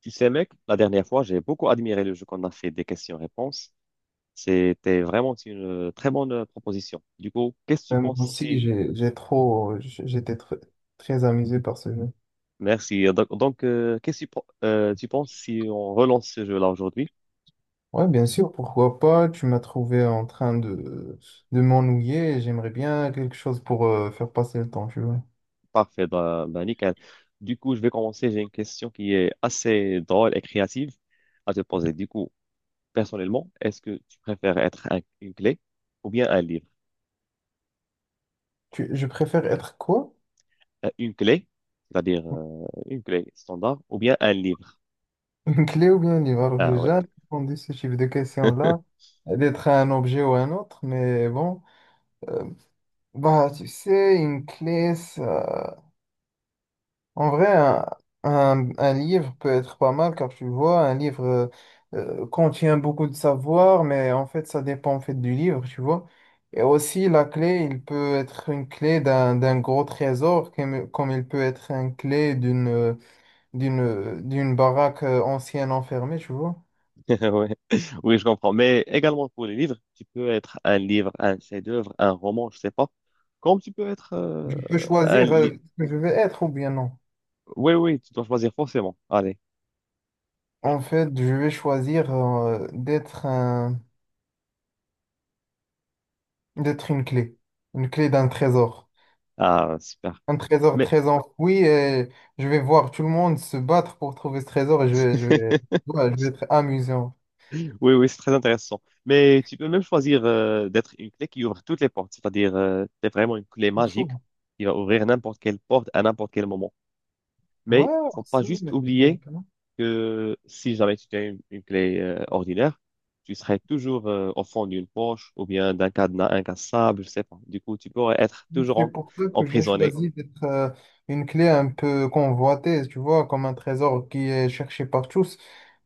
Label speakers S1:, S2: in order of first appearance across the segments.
S1: Tu sais, mec, la dernière fois, j'ai beaucoup admiré le jeu qu'on a fait des questions-réponses. C'était vraiment une très bonne proposition. Du coup, qu'est-ce que tu
S2: Ouais, moi
S1: penses
S2: aussi,
S1: si...
S2: j'ai trop, j'étais tr- très amusé par ce jeu.
S1: Merci. Donc, qu'est-ce que tu penses si on relance ce jeu-là aujourd'hui?
S2: Ouais, bien sûr, pourquoi pas. Tu m'as trouvé en train de m'ennuyer. J'aimerais bien quelque chose pour faire passer le temps, tu vois.
S1: Parfait, ben bah, nickel. Du coup, je vais commencer. J'ai une question qui est assez drôle et créative à te poser. Du coup, personnellement, est-ce que tu préfères être une clé ou bien un livre?
S2: Je préfère être quoi?
S1: Une clé, c'est-à-dire une clé standard ou bien un livre?
S2: Une clé ou bien un livre? Alors,
S1: Ah
S2: j'ai
S1: ouais.
S2: jamais répondu ce type de question-là, d'être un objet ou un autre, mais bon. Euh, Bah, tu sais, une clé, ça. En vrai, un livre peut être pas mal car tu vois, un livre contient beaucoup de savoir, mais en fait, ça dépend en fait du livre, tu vois. Et aussi, la clé, il peut être une clé d'un gros trésor, comme il peut être une clé d'une baraque ancienne enfermée, tu vois.
S1: Ouais. Oui, je comprends. Mais également pour les livres, tu peux être un livre, un chef-d'œuvre, un roman, je sais pas. Comme tu peux être
S2: Je peux
S1: un
S2: choisir
S1: livre.
S2: ce que je vais être ou bien non.
S1: Oui, oui, tu dois choisir forcément. Allez.
S2: En fait, je vais choisir d'être une clé d'un trésor.
S1: Ah, super.
S2: Un trésor
S1: Mais
S2: très enfoui et je vais voir tout le monde se battre pour trouver ce trésor et ouais, je vais être amusant.
S1: oui, oui, c'est très intéressant. Mais tu peux même choisir d'être une clé qui ouvre toutes les portes. C'est-à-dire, t'es vraiment une clé magique
S2: Franchement,
S1: qui va ouvrir n'importe quelle porte à n'importe quel moment.
S2: ouais,
S1: Mais faut pas
S2: merci,
S1: juste
S2: mais c'est pas la
S1: oublier
S2: peine.
S1: que si jamais tu as une clé ordinaire, tu serais toujours au fond d'une poche ou bien d'un cadenas incassable, je sais pas. Du coup, tu pourrais être
S2: Oui,
S1: toujours
S2: c'est pour ça que j'ai
S1: emprisonné.
S2: choisi d'être une clé un peu convoitée, tu vois, comme un trésor qui est cherché par tous.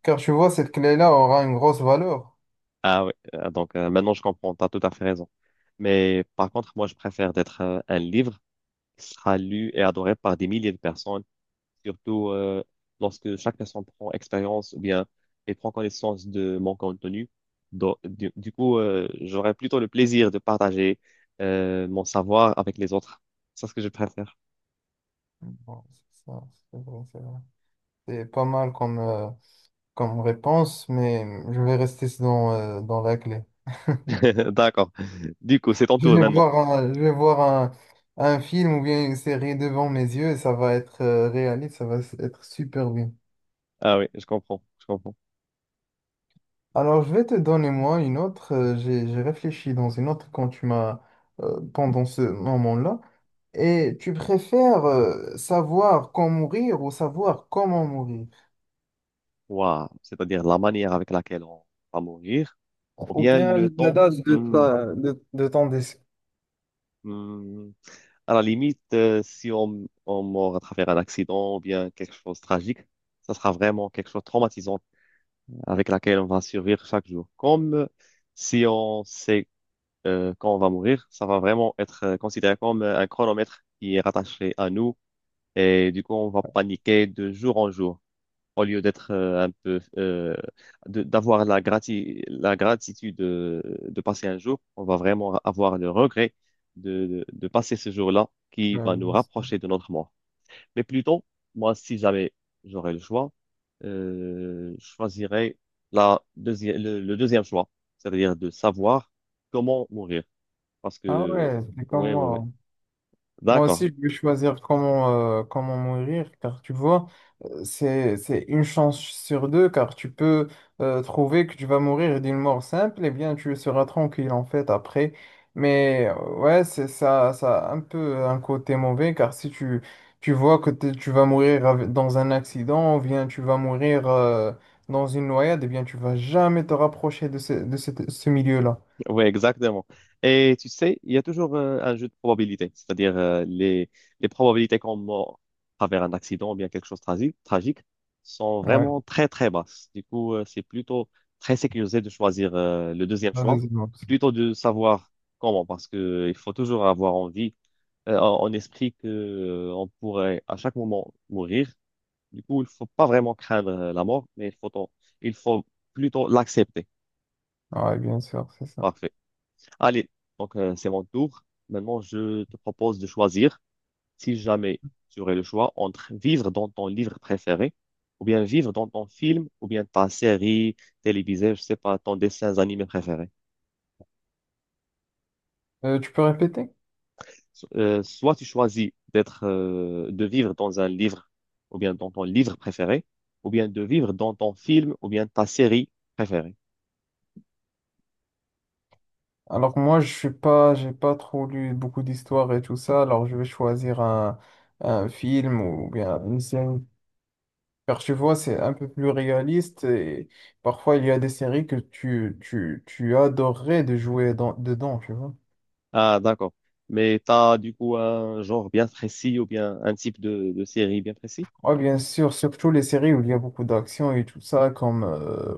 S2: Car tu vois, cette clé-là aura une grosse valeur.
S1: Ah oui, donc maintenant je comprends, tu as tout à fait raison. Mais par contre, moi, je préfère d'être un livre qui sera lu et adoré par des milliers de personnes surtout lorsque chaque personne prend expérience ou bien et prend connaissance de mon contenu. Donc, du coup, j'aurais plutôt le plaisir de partager mon savoir avec les autres. C'est ce que je préfère.
S2: Bon, c'est ça, c'est vrai, c'est vrai. C'est pas mal comme réponse, mais je vais rester dans la clé.
S1: D'accord. Du coup, c'est ton tour maintenant.
S2: Je vais voir un film ou bien une série devant mes yeux et ça va être réaliste, ça va être super bien.
S1: Ah oui, je comprends, je comprends.
S2: Alors, je vais te donner moi une autre. J'ai réfléchi dans une autre quand tu m'as pendant ce moment-là. Et tu préfères savoir quand mourir ou savoir comment mourir?
S1: Waouh, c'est-à-dire la manière avec laquelle on va mourir, ou
S2: Ou
S1: bien le
S2: bien la
S1: temps.
S2: date
S1: Hmm,
S2: de ton décès.
S1: hmm. À la limite, si on meurt à travers un accident ou bien quelque chose de tragique, ça sera vraiment quelque chose de traumatisant avec laquelle on va survivre chaque jour. Comme si on sait quand on va mourir, ça va vraiment être considéré comme un chronomètre qui est rattaché à nous et du coup on va paniquer de jour en jour au lieu d'être un peu d'avoir la gratitude de, passer un jour, on va vraiment avoir le regret de, de passer ce jour-là qui va
S2: Ouais.
S1: nous rapprocher de notre mort. Mais plutôt, moi, si jamais j'aurais le choix, je choisirais la deuxième, le deuxième choix, c'est-à-dire de savoir comment mourir. Parce
S2: Ah
S1: que,
S2: ouais, c'est comme
S1: ouais, ouais, ouais.
S2: moi. Moi
S1: D'accord.
S2: aussi, je vais choisir comment mourir, car tu vois, c'est une chance sur deux, car tu peux trouver que tu vas mourir d'une mort simple, et bien tu seras tranquille en fait après. Mais ouais, c'est ça, ça a un peu un côté mauvais, car si tu, tu vois que tu vas mourir dans un accident, ou bien tu vas mourir dans une noyade, et bien tu vas jamais te rapprocher de ce milieu-là.
S1: Oui, exactement. Et tu sais, il y a toujours un jeu de probabilité, c'est-à-dire les probabilités qu'on meurt à travers un accident ou bien quelque chose de tragique sont
S2: Ouais,
S1: vraiment très, très basses. Du coup, c'est plutôt très sécurisé de choisir le deuxième
S2: la
S1: choix,
S2: deuxième option.
S1: plutôt de savoir comment, parce que il faut toujours avoir envie, en esprit que on pourrait à chaque moment mourir. Du coup, il faut pas vraiment craindre la mort, mais il faut plutôt l'accepter.
S2: Ouais, bien sûr, c'est ça.
S1: Parfait. Allez, donc c'est mon tour. Maintenant, je te propose de choisir, si jamais tu aurais le choix, entre vivre dans ton livre préféré, ou bien vivre dans ton film, ou bien ta série télévisée, je sais pas, ton dessin animé préféré.
S2: Tu peux répéter?
S1: Soit tu choisis de vivre dans un livre, ou bien dans ton livre préféré, ou bien de vivre dans ton film, ou bien ta série préférée.
S2: Alors que moi, je suis pas, j'ai pas trop lu beaucoup d'histoires et tout ça, alors je vais choisir un film ou bien une série. Car tu vois, c'est un peu plus réaliste et parfois il y a des séries que tu adorerais de jouer dedans, tu vois.
S1: Ah, d'accord. Mais t'as du coup un genre bien précis, ou bien un type de série bien précis?
S2: Oui, bien sûr, surtout les séries où il y a beaucoup d'action et tout ça, comme, euh,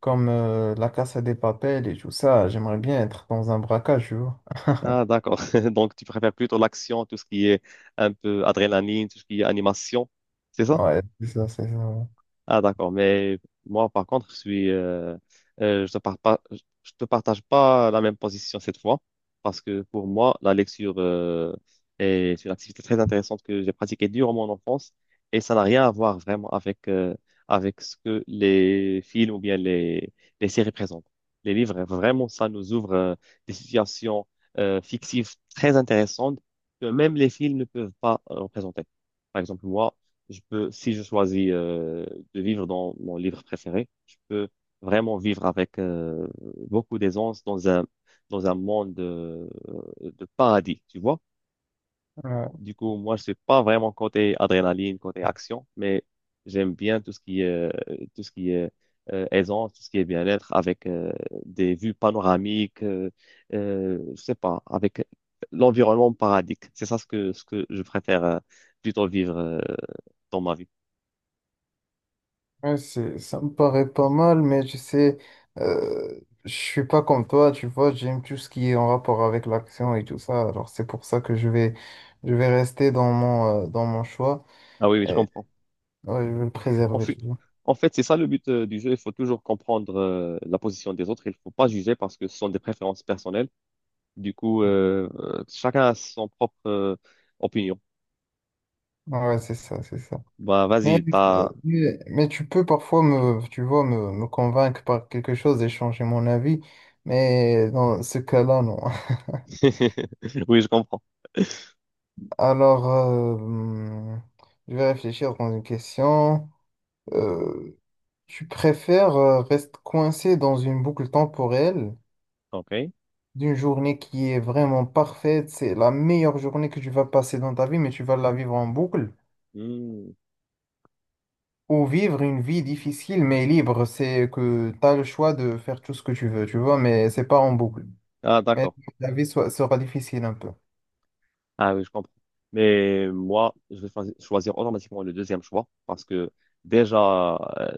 S2: comme euh, La Casa des Papel et tout ça, j'aimerais bien être dans un braquage, tu vois.
S1: Ah, d'accord. Donc, tu préfères plutôt l'action, tout ce qui est un peu adrénaline, tout ce qui est animation, c'est ça?
S2: Ouais, c'est ça, c'est ça.
S1: Ah, d'accord. Mais moi, par contre, euh, je te par- pas- je te partage pas la même position cette fois, parce que pour moi, la lecture, est une activité très intéressante que j'ai pratiquée durant mon enfance, et ça n'a rien à voir vraiment avec ce que les films ou bien les séries présentent. Les livres, vraiment, ça nous ouvre, des situations, fictives très intéressantes que même les films ne peuvent pas représenter. Par exemple, moi, je peux, si je choisis de vivre dans mon livre préféré, je peux vraiment vivre avec beaucoup d'aisance dans dans un monde de paradis, tu vois.
S2: Ouais.
S1: Du coup, moi, je suis pas vraiment côté adrénaline, côté action, mais j'aime bien tout ce qui est, tout ce qui est aisance, tout ce qui est bien-être, avec des vues panoramiques, je sais pas, avec l'environnement paradis. C'est ça ce ce que je préfère plutôt vivre dans ma vie.
S2: Ouais, c'est, ça me paraît pas mal, mais tu sais, je suis pas comme toi, tu vois, j'aime tout ce qui est en rapport avec l'action et tout ça. Alors c'est pour ça que je vais rester dans dans mon choix
S1: Ah oui, oui, je
S2: et
S1: comprends.
S2: ouais, je vais le
S1: En
S2: préserver,
S1: fait,
S2: tu vois.
S1: en fait, c'est ça le but du jeu. Il faut toujours comprendre la position des autres. Il ne faut pas juger parce que ce sont des préférences personnelles. Du coup, chacun a son propre opinion.
S2: Ah ouais, c'est ça, c'est ça.
S1: Bah,
S2: Mais,
S1: vas-y, t'as...
S2: mais tu peux parfois me, tu vois, me convaincre par quelque chose et changer mon avis, mais dans ce cas-là, non.
S1: Oui, je comprends.
S2: Alors, je vais réfléchir dans une question. Euh, Tu préfères rester coincé dans une boucle temporelle
S1: OK.
S2: d'une journée qui est vraiment parfaite, c'est la meilleure journée que tu vas passer dans ta vie, mais tu vas la vivre en boucle,
S1: Hmm.
S2: ou vivre une vie difficile mais libre, c'est que tu as le choix de faire tout ce que tu veux, tu vois, mais c'est pas en boucle.
S1: Ah,
S2: Mais
S1: d'accord.
S2: sera difficile un peu.
S1: Ah oui, je comprends. Mais moi, je vais choisir automatiquement le deuxième choix parce que déjà, euh,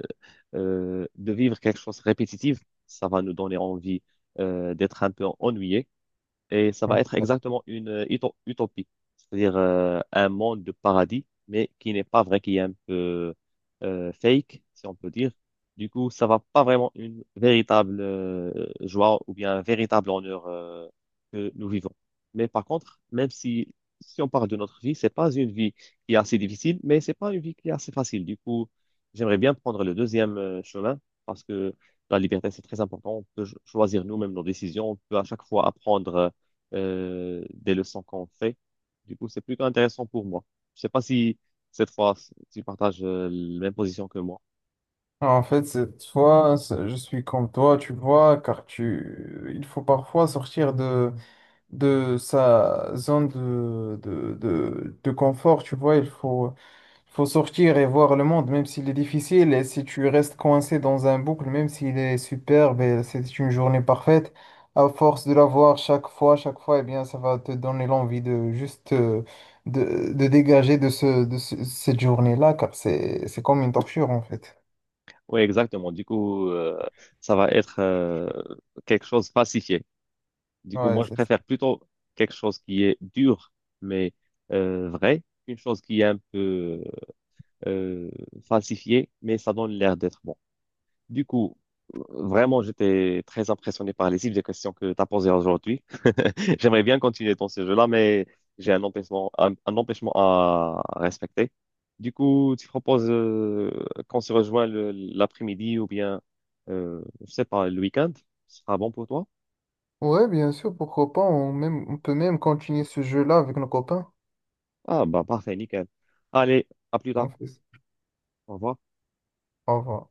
S1: euh, de vivre quelque chose de répétitif, ça va nous donner envie d'être un peu ennuyé. Et ça
S2: Ouais.
S1: va être exactement une utopie, c'est-à-dire un monde de paradis, mais qui n'est pas vrai, qui est un peu fake, si on peut dire. Du coup, ça va pas vraiment une véritable joie ou bien un véritable honneur que nous vivons. Mais par contre, même si on parle de notre vie, c'est pas une vie qui est assez difficile, mais c'est pas une vie qui est assez facile. Du coup, j'aimerais bien prendre le deuxième chemin parce que la liberté, c'est très important. On peut choisir nous-mêmes nos décisions. On peut à chaque fois apprendre. Des leçons qu'on fait. Du coup, c'est plutôt intéressant pour moi. Je sais pas si cette fois, tu partages la même position que moi.
S2: En fait, cette fois, je suis comme toi, tu vois, car tu, il faut parfois sortir de sa zone de confort, tu vois, il faut sortir et voir le monde, même s'il est difficile, et si tu restes coincé dans un boucle, même s'il est superbe et c'est une journée parfaite, à force de la voir chaque fois, eh bien, ça va te donner l'envie de juste de dégager de cette journée-là, car c'est comme une torture, en fait.
S1: Oui, exactement. Du coup, ça va être quelque chose falsifié. Du coup,
S2: Ouais,
S1: moi, je
S2: c'est ça.
S1: préfère plutôt quelque chose qui est dur, mais vrai, qu'une chose qui est un peu euh, falsifiée, mais ça donne l'air d'être bon. Du coup, vraiment, j'étais très impressionné par les types de questions que tu as posées aujourd'hui. J'aimerais bien continuer dans ce jeu-là, mais j'ai un empêchement, un empêchement à respecter. Du coup, tu proposes qu'on se rejoigne l'après-midi ou bien, je sais pas, le week-end? Ce sera bon pour toi?
S2: Ouais, bien sûr, pourquoi pas, on, même, on peut même continuer ce jeu-là avec nos copains.
S1: Ah, bah, parfait, nickel. Allez, à plus tard.
S2: En fait.
S1: Au revoir.
S2: Au revoir.